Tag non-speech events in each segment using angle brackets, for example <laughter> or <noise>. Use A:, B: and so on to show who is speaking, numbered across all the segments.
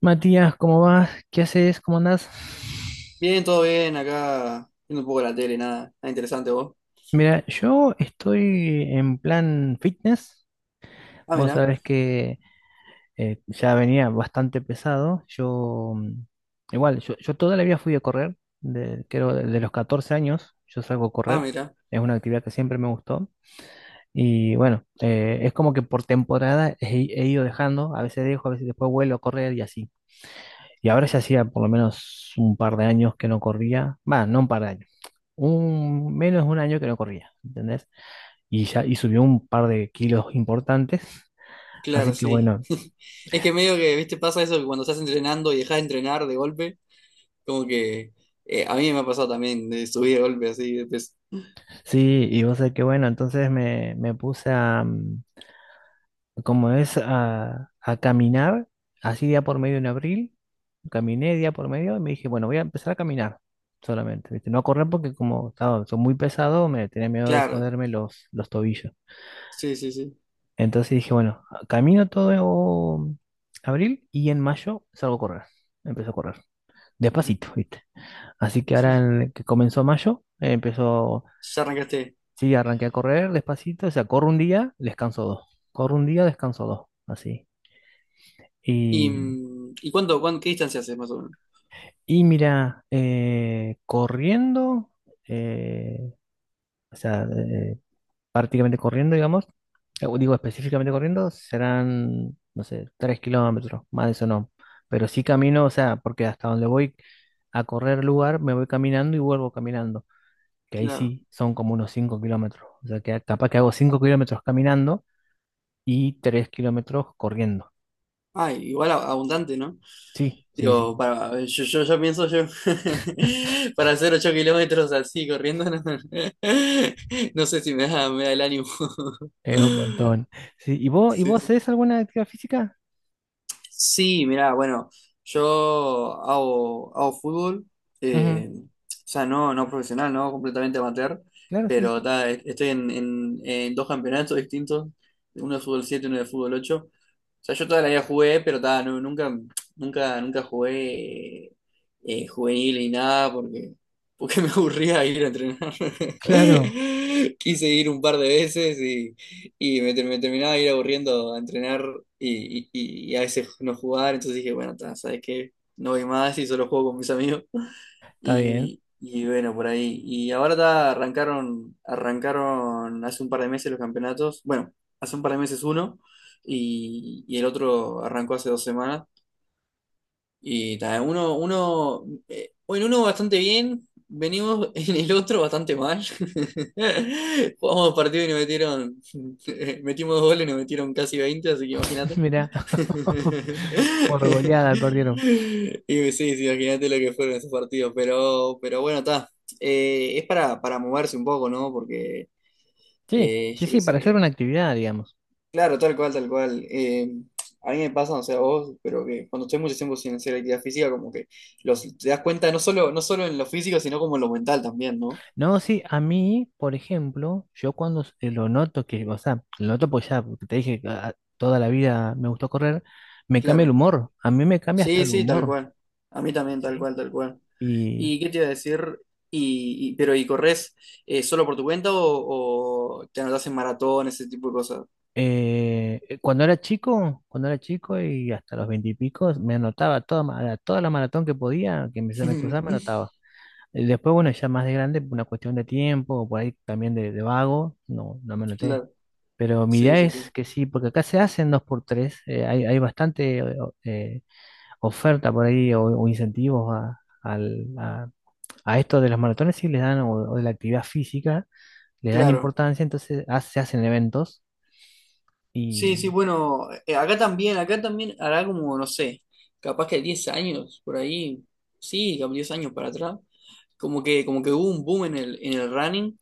A: Matías, ¿cómo vas? ¿Qué haces? ¿Cómo andás?
B: Bien, todo bien, acá viendo un poco la tele, nada, nada interesante, vos.
A: Mira, yo estoy en plan fitness.
B: Ah,
A: Vos
B: mira.
A: sabés que ya venía bastante pesado. Igual, yo toda la vida fui a correr, creo de los 14 años, yo salgo a
B: Ah,
A: correr.
B: mira.
A: Es una actividad que siempre me gustó. Y bueno, es como que por temporada he ido dejando, a veces dejo, a veces después vuelvo a correr y así. Y ahora ya hacía por lo menos un par de años que no corría, va, no un par de años, un, menos de un año que no corría, ¿entendés? Y ya, y subió un par de kilos importantes. Así
B: Claro,
A: que
B: sí.
A: bueno,
B: <laughs> Es que medio que, viste, pasa eso que cuando estás entrenando y dejas de entrenar de golpe, como que a mí me ha pasado también de subir de golpe así, de peso.
A: sí, y vos sabés que bueno, entonces me puse a, como es, a caminar, así día por medio en abril, caminé día por medio y me dije, bueno, voy a empezar a caminar solamente, ¿viste? No a correr porque como estaba, soy muy pesado, me tenía miedo de
B: Claro,
A: joderme los tobillos.
B: sí, sí, sí.
A: Entonces dije, bueno, camino todo abril y en mayo salgo a correr, empiezo a correr. De a pasito,
B: <laughs>
A: ¿viste? Así que
B: Sí,
A: ahora
B: sí.
A: que comenzó mayo, empezó,
B: Ya arrancaste.
A: sí, arranqué a correr despacito, o sea, corro un día, descanso dos, corro un día, descanso dos, así.
B: ¿Y,
A: Y,
B: mm, ¿y cuánto, qué distancia haces más o menos?
A: y mira, corriendo, eh, o sea, prácticamente corriendo, digamos, digo específicamente corriendo, serán, no sé, 3 kilómetros, más de eso no. Pero sí camino, o sea, porque hasta donde voy a correr lugar, me voy caminando y vuelvo caminando. Que ahí
B: Claro.
A: sí son como unos 5 kilómetros. O sea, que capaz que hago 5 kilómetros caminando y 3 kilómetros corriendo.
B: Ah, igual, abundante, ¿no?
A: Sí, sí,
B: Digo,
A: sí,
B: para, yo pienso yo, <laughs> para hacer 8 kilómetros así, corriendo, no, <laughs> no sé si me da el ánimo.
A: es un
B: <laughs>
A: montón. Sí, ¿y vos,
B: Sí.
A: haces alguna actividad física?
B: Sí, mirá, bueno, yo hago fútbol,
A: Ujú.
B: o sea, no, no profesional, no completamente amateur,
A: Claro, sí,
B: pero
A: sí.
B: ta, estoy en, en dos campeonatos distintos, uno de fútbol 7 y uno de fútbol 8. O sea, yo toda la vida jugué, pero ta, nunca, nunca, nunca jugué juvenil ni nada, porque, porque <laughs> me aburría ir a entrenar.
A: Claro,
B: <laughs> Quise ir un par de veces y me terminaba de ir aburriendo a entrenar y, y a veces no jugar, entonces dije, bueno, ta, ¿sabes qué? No voy más y solo juego con mis amigos. <laughs>
A: está bien.
B: Y bueno, por ahí. Y ahora ta, arrancaron hace un par de meses los campeonatos. Bueno, hace un par de meses uno, y el otro arrancó hace 2 semanas. Y ta, en uno bastante bien, venimos, <laughs> en el otro bastante mal. <laughs> Jugamos partido y nos metieron, <laughs> metimos 2 goles y nos metieron casi 20, así que
A: <laughs>
B: imagínate.
A: Mira, <laughs> por goleada perdieron.
B: <laughs> Y sí, sí, imagínate lo que fueron esos partidos, pero bueno, está. Es para moverse un poco, ¿no? Porque
A: Sí, sí,
B: yo qué
A: sí, para hacer
B: sé.
A: una actividad, digamos.
B: Claro, tal cual, tal cual. A mí me pasa, no sé a vos, pero que cuando estoy mucho tiempo sin hacer actividad física, como que te das cuenta no solo, no solo en lo físico, sino como en lo mental también, ¿no?
A: No, sí, a mí, por ejemplo, yo cuando lo noto que, o sea, lo noto porque ya, porque te dije, ah, toda la vida me gustó correr, me cambia el
B: Claro.
A: humor, a mí me cambia hasta
B: Sí,
A: el
B: sí, tal
A: humor.
B: cual. A mí también, tal
A: Sí.
B: cual, tal cual.
A: Y
B: ¿Y qué te iba a decir? Pero ¿y corres solo por tu cuenta o te anotás en maratón, ese tipo de cosas?
A: cuando era chico y hasta los veintipicos, me anotaba toda, toda la maratón que podía, que me, se me cruzaba, me
B: <laughs>
A: anotaba. Y después, bueno, ya más de grande, por una cuestión de tiempo, o por ahí también de, vago, no, no me anoté.
B: Claro,
A: Pero mi
B: sí,
A: idea
B: sí, sí.
A: es que sí, porque acá se hacen dos por tres, hay bastante oferta por ahí o, incentivos a esto de las maratones, sí les dan, o de la actividad física, le dan
B: Claro.
A: importancia, entonces se hacen eventos
B: Sí,
A: y
B: sí, bueno, acá también hará como, no sé, capaz que 10 años, por ahí, sí, capaz 10 años para atrás, como que hubo un boom en el running,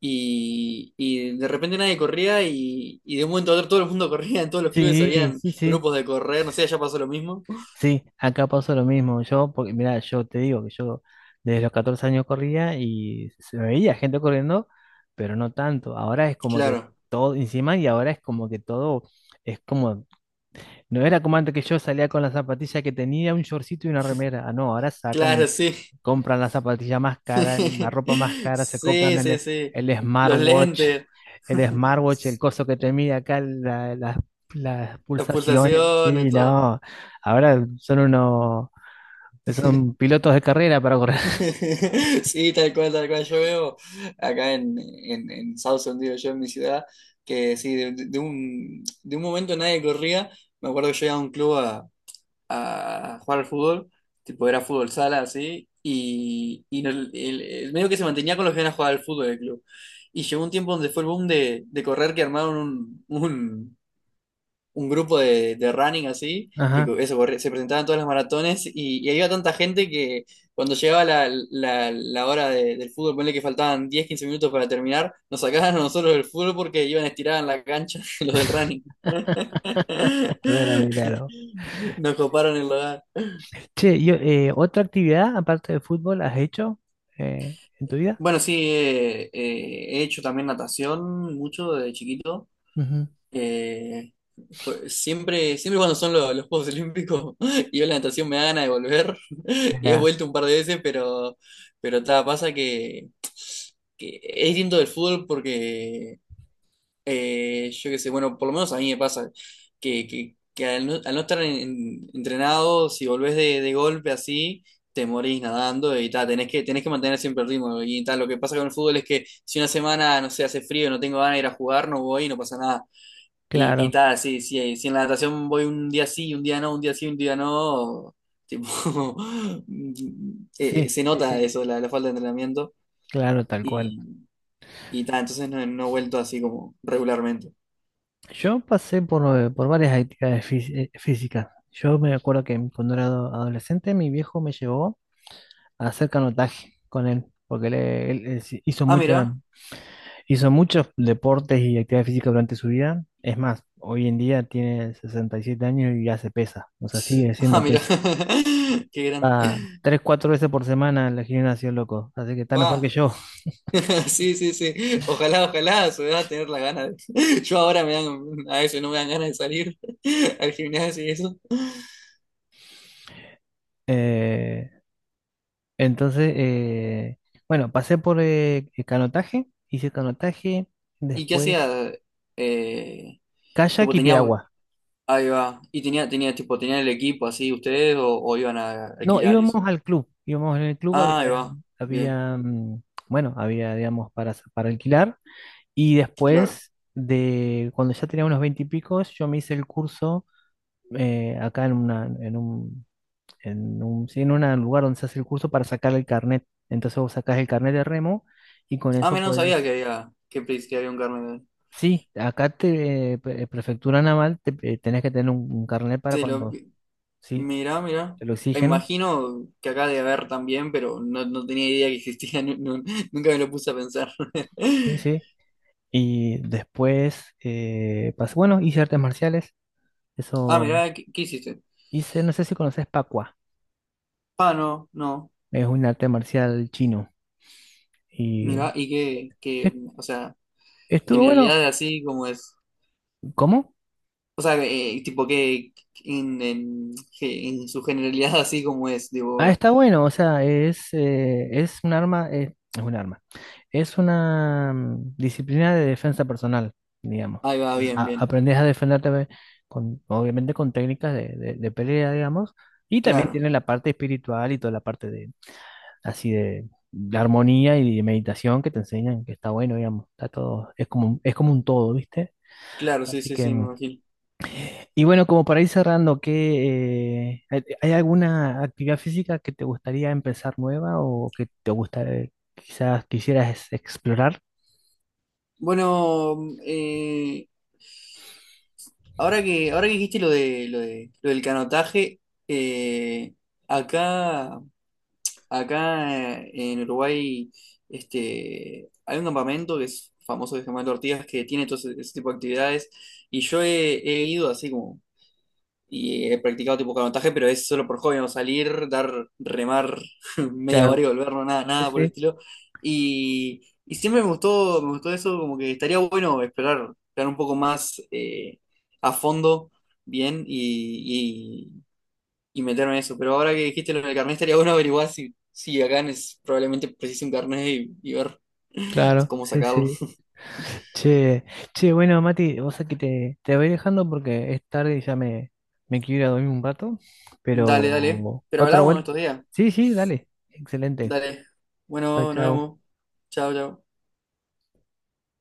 B: y de repente nadie corría, y de un momento a otro todo el mundo <laughs> corría, en todos los clubes
A: sí,
B: habían
A: sí, sí,
B: grupos de correr, no sé, allá pasó lo mismo.
A: sí, acá pasó lo mismo, yo, porque mira, yo te digo que yo desde los 14 años corría y se me veía gente corriendo, pero no tanto, ahora es como que
B: Claro,
A: todo encima y ahora es como que todo es como. No era como antes que yo salía con la zapatilla que tenía, un shortcito y una remera. Ah, no, ahora sacan,
B: claro, sí.
A: compran la zapatilla más cara, la
B: <laughs>
A: ropa más cara, se compran
B: Sí, sí, sí.
A: el
B: Los
A: smartwatch,
B: lentes,
A: el smartwatch, el
B: <laughs>
A: coso que te mide acá, las
B: las
A: pulsaciones.
B: pulsaciones,
A: Sí,
B: todo.
A: no. Ahora son unos, son
B: <laughs>
A: pilotos de carrera para correr. <laughs>
B: <laughs> Sí, tal cual, tal cual. Yo veo acá en, en Southend, digo yo, en mi ciudad, que sí, de, de un momento nadie corría. Me acuerdo que yo iba a un club a jugar al fútbol, tipo era fútbol sala, así, y el medio que se mantenía con los que iban a jugar al fútbol del club. Y llegó un tiempo donde fue el boom de correr, que armaron un, un grupo de running así, que
A: Ajá,
B: eso, se presentaban todas las maratones, y había tanta gente que cuando llegaba la, la hora del fútbol, ponle que faltaban 10, 15 minutos para terminar, nos sacaban a nosotros del fútbol porque iban estirados en la cancha <laughs> los del running. <laughs>
A: claro, claro.
B: Nos coparon el lugar.
A: Che, ¿otra actividad aparte del fútbol has hecho en tu vida?
B: Bueno, sí, he hecho también natación mucho de chiquito.
A: Ujú.
B: Eh, Siempre, cuando son los Juegos Olímpicos, <laughs> y yo la natación me da ganas de volver, <laughs> y he
A: Ya,
B: vuelto un par de veces, pero ta, pasa que es distinto del fútbol porque yo qué sé, bueno, por lo menos a mí me pasa que al no estar entrenado, si volvés de golpe así, te morís nadando, y ta, tenés que mantener siempre el ritmo y tal, lo que pasa con el fútbol es que si una semana, no sé, hace frío, no tengo ganas de ir a jugar, no voy y no pasa nada, y, y
A: claro,
B: tal, si, si en la natación voy un día sí, un día no, un día sí, un día no, tipo, <laughs>
A: sí,
B: se
A: sí,
B: nota
A: sí.
B: eso, la falta de entrenamiento.
A: Claro, tal cual.
B: Y, y tal, entonces no, no he vuelto así como regularmente.
A: Yo pasé por varias actividades físicas. Yo me acuerdo que cuando era adolescente, mi viejo me llevó a hacer canotaje con él, porque él
B: Ah, mira. <laughs>
A: hizo muchos deportes y actividades físicas durante su vida. Es más, hoy en día tiene 67 años y hace pesa, o sea, sigue
B: Ah,
A: haciendo
B: mira.
A: pesa.
B: <laughs> Qué grande.
A: Va tres, cuatro veces por semana al gimnasio, loco, así que está mejor
B: Pa.
A: que yo.
B: <laughs> Sí, sí, sí. Ojalá, ojalá se va a su edad tener la gana <laughs> Yo ahora a veces no me dan ganas de salir <laughs> al gimnasio y eso.
A: Eh, Entonces, bueno, pasé por el canotaje, hice canotaje,
B: ¿Y qué
A: después
B: hacía? Eh,
A: kayak
B: tipo,
A: y
B: tenías.
A: piragua.
B: Ahí va. ¿Y tenía tipo, tenían el equipo así ustedes o iban a
A: No,
B: alquilar y
A: íbamos
B: eso?
A: al club, íbamos en el club,
B: Ah, ahí
A: había,
B: va. Bien,
A: había, mm, bueno, había, digamos, para alquilar. Y
B: claro.
A: después cuando ya tenía unos 20 y picos, yo me hice el curso acá en una, en un, sí, en un lugar donde se hace el curso para sacar el carnet. Entonces vos sacás el carnet de remo y con
B: Ah,
A: eso
B: mira, no sabía que
A: puedes.
B: había, que había un carnet.
A: Sí, acá prefectura naval, te, tenés que tener un carnet para
B: Te lo,
A: cuando, sí,
B: mira, mira.
A: te lo exigen,
B: Imagino que acá debe haber también, pero no, no tenía idea que existía, <laughs> nunca me lo puse a pensar.
A: sí,
B: <laughs>
A: sí. Y después, bueno, hice artes marciales,
B: Ah,
A: eso
B: mira, ¿qué hiciste?
A: hice, no sé si conoces Pacua,
B: Ah, no, no.
A: es un arte marcial chino.
B: Mira,
A: Y
B: y qué,
A: es-
B: o sea,
A: estuvo bueno,
B: generalidades así, como es.
A: ¿cómo?
B: O sea, tipo que que en su generalidad así, como es,
A: Ah,
B: digo,
A: está bueno, o sea, es un arma, es una disciplina de defensa personal, digamos.
B: ahí
A: O
B: va,
A: sea,
B: bien, bien.
A: aprendes a defenderte ve, con, obviamente, con técnicas de pelea, digamos, y también
B: Claro,
A: tiene la parte espiritual y toda la parte de, así de armonía y de meditación que te enseñan, que está bueno, digamos, está todo, es como, es como un todo, ¿viste?
B: claro, sí,
A: Así
B: sí,
A: que
B: sí, me imagino.
A: y bueno, como para ir cerrando, ¿qué, hay alguna actividad física que te gustaría empezar nueva o que te gusta, quizás quisieras explorar?
B: Bueno, ahora que dijiste lo de, lo del canotaje, eh, acá, acá en Uruguay, este, hay un campamento que es famoso, de Germán Ortigas, que tiene todo ese, ese tipo de actividades, y yo he, he ido así como. Y he practicado tipo canotaje, pero es solo por hobby, no salir, dar, remar <laughs> media
A: Claro,
B: hora y volver, no, nada,
A: sí,
B: nada por el
A: sí,
B: estilo. Y siempre me gustó eso, como que estaría bueno esperar, esperar un poco más, a fondo, bien, y, y meterme en eso. Pero ahora que dijiste lo del carnet, estaría bueno averiguar si, si acá es, probablemente precise un carnet, y ver <laughs>
A: claro,
B: cómo
A: sí,
B: sacarlo.
A: sí. Che, che, bueno, Mati, vos sabés que te voy dejando porque es tarde y ya me quiero ir a dormir un rato,
B: Dale, dale.
A: pero
B: Pero
A: otra
B: hablamos
A: vuelta.
B: estos días.
A: Sí, sí, dale, excelente.
B: Dale.
A: Chao,
B: Bueno, nos
A: chao.
B: vemos. Chao, chao.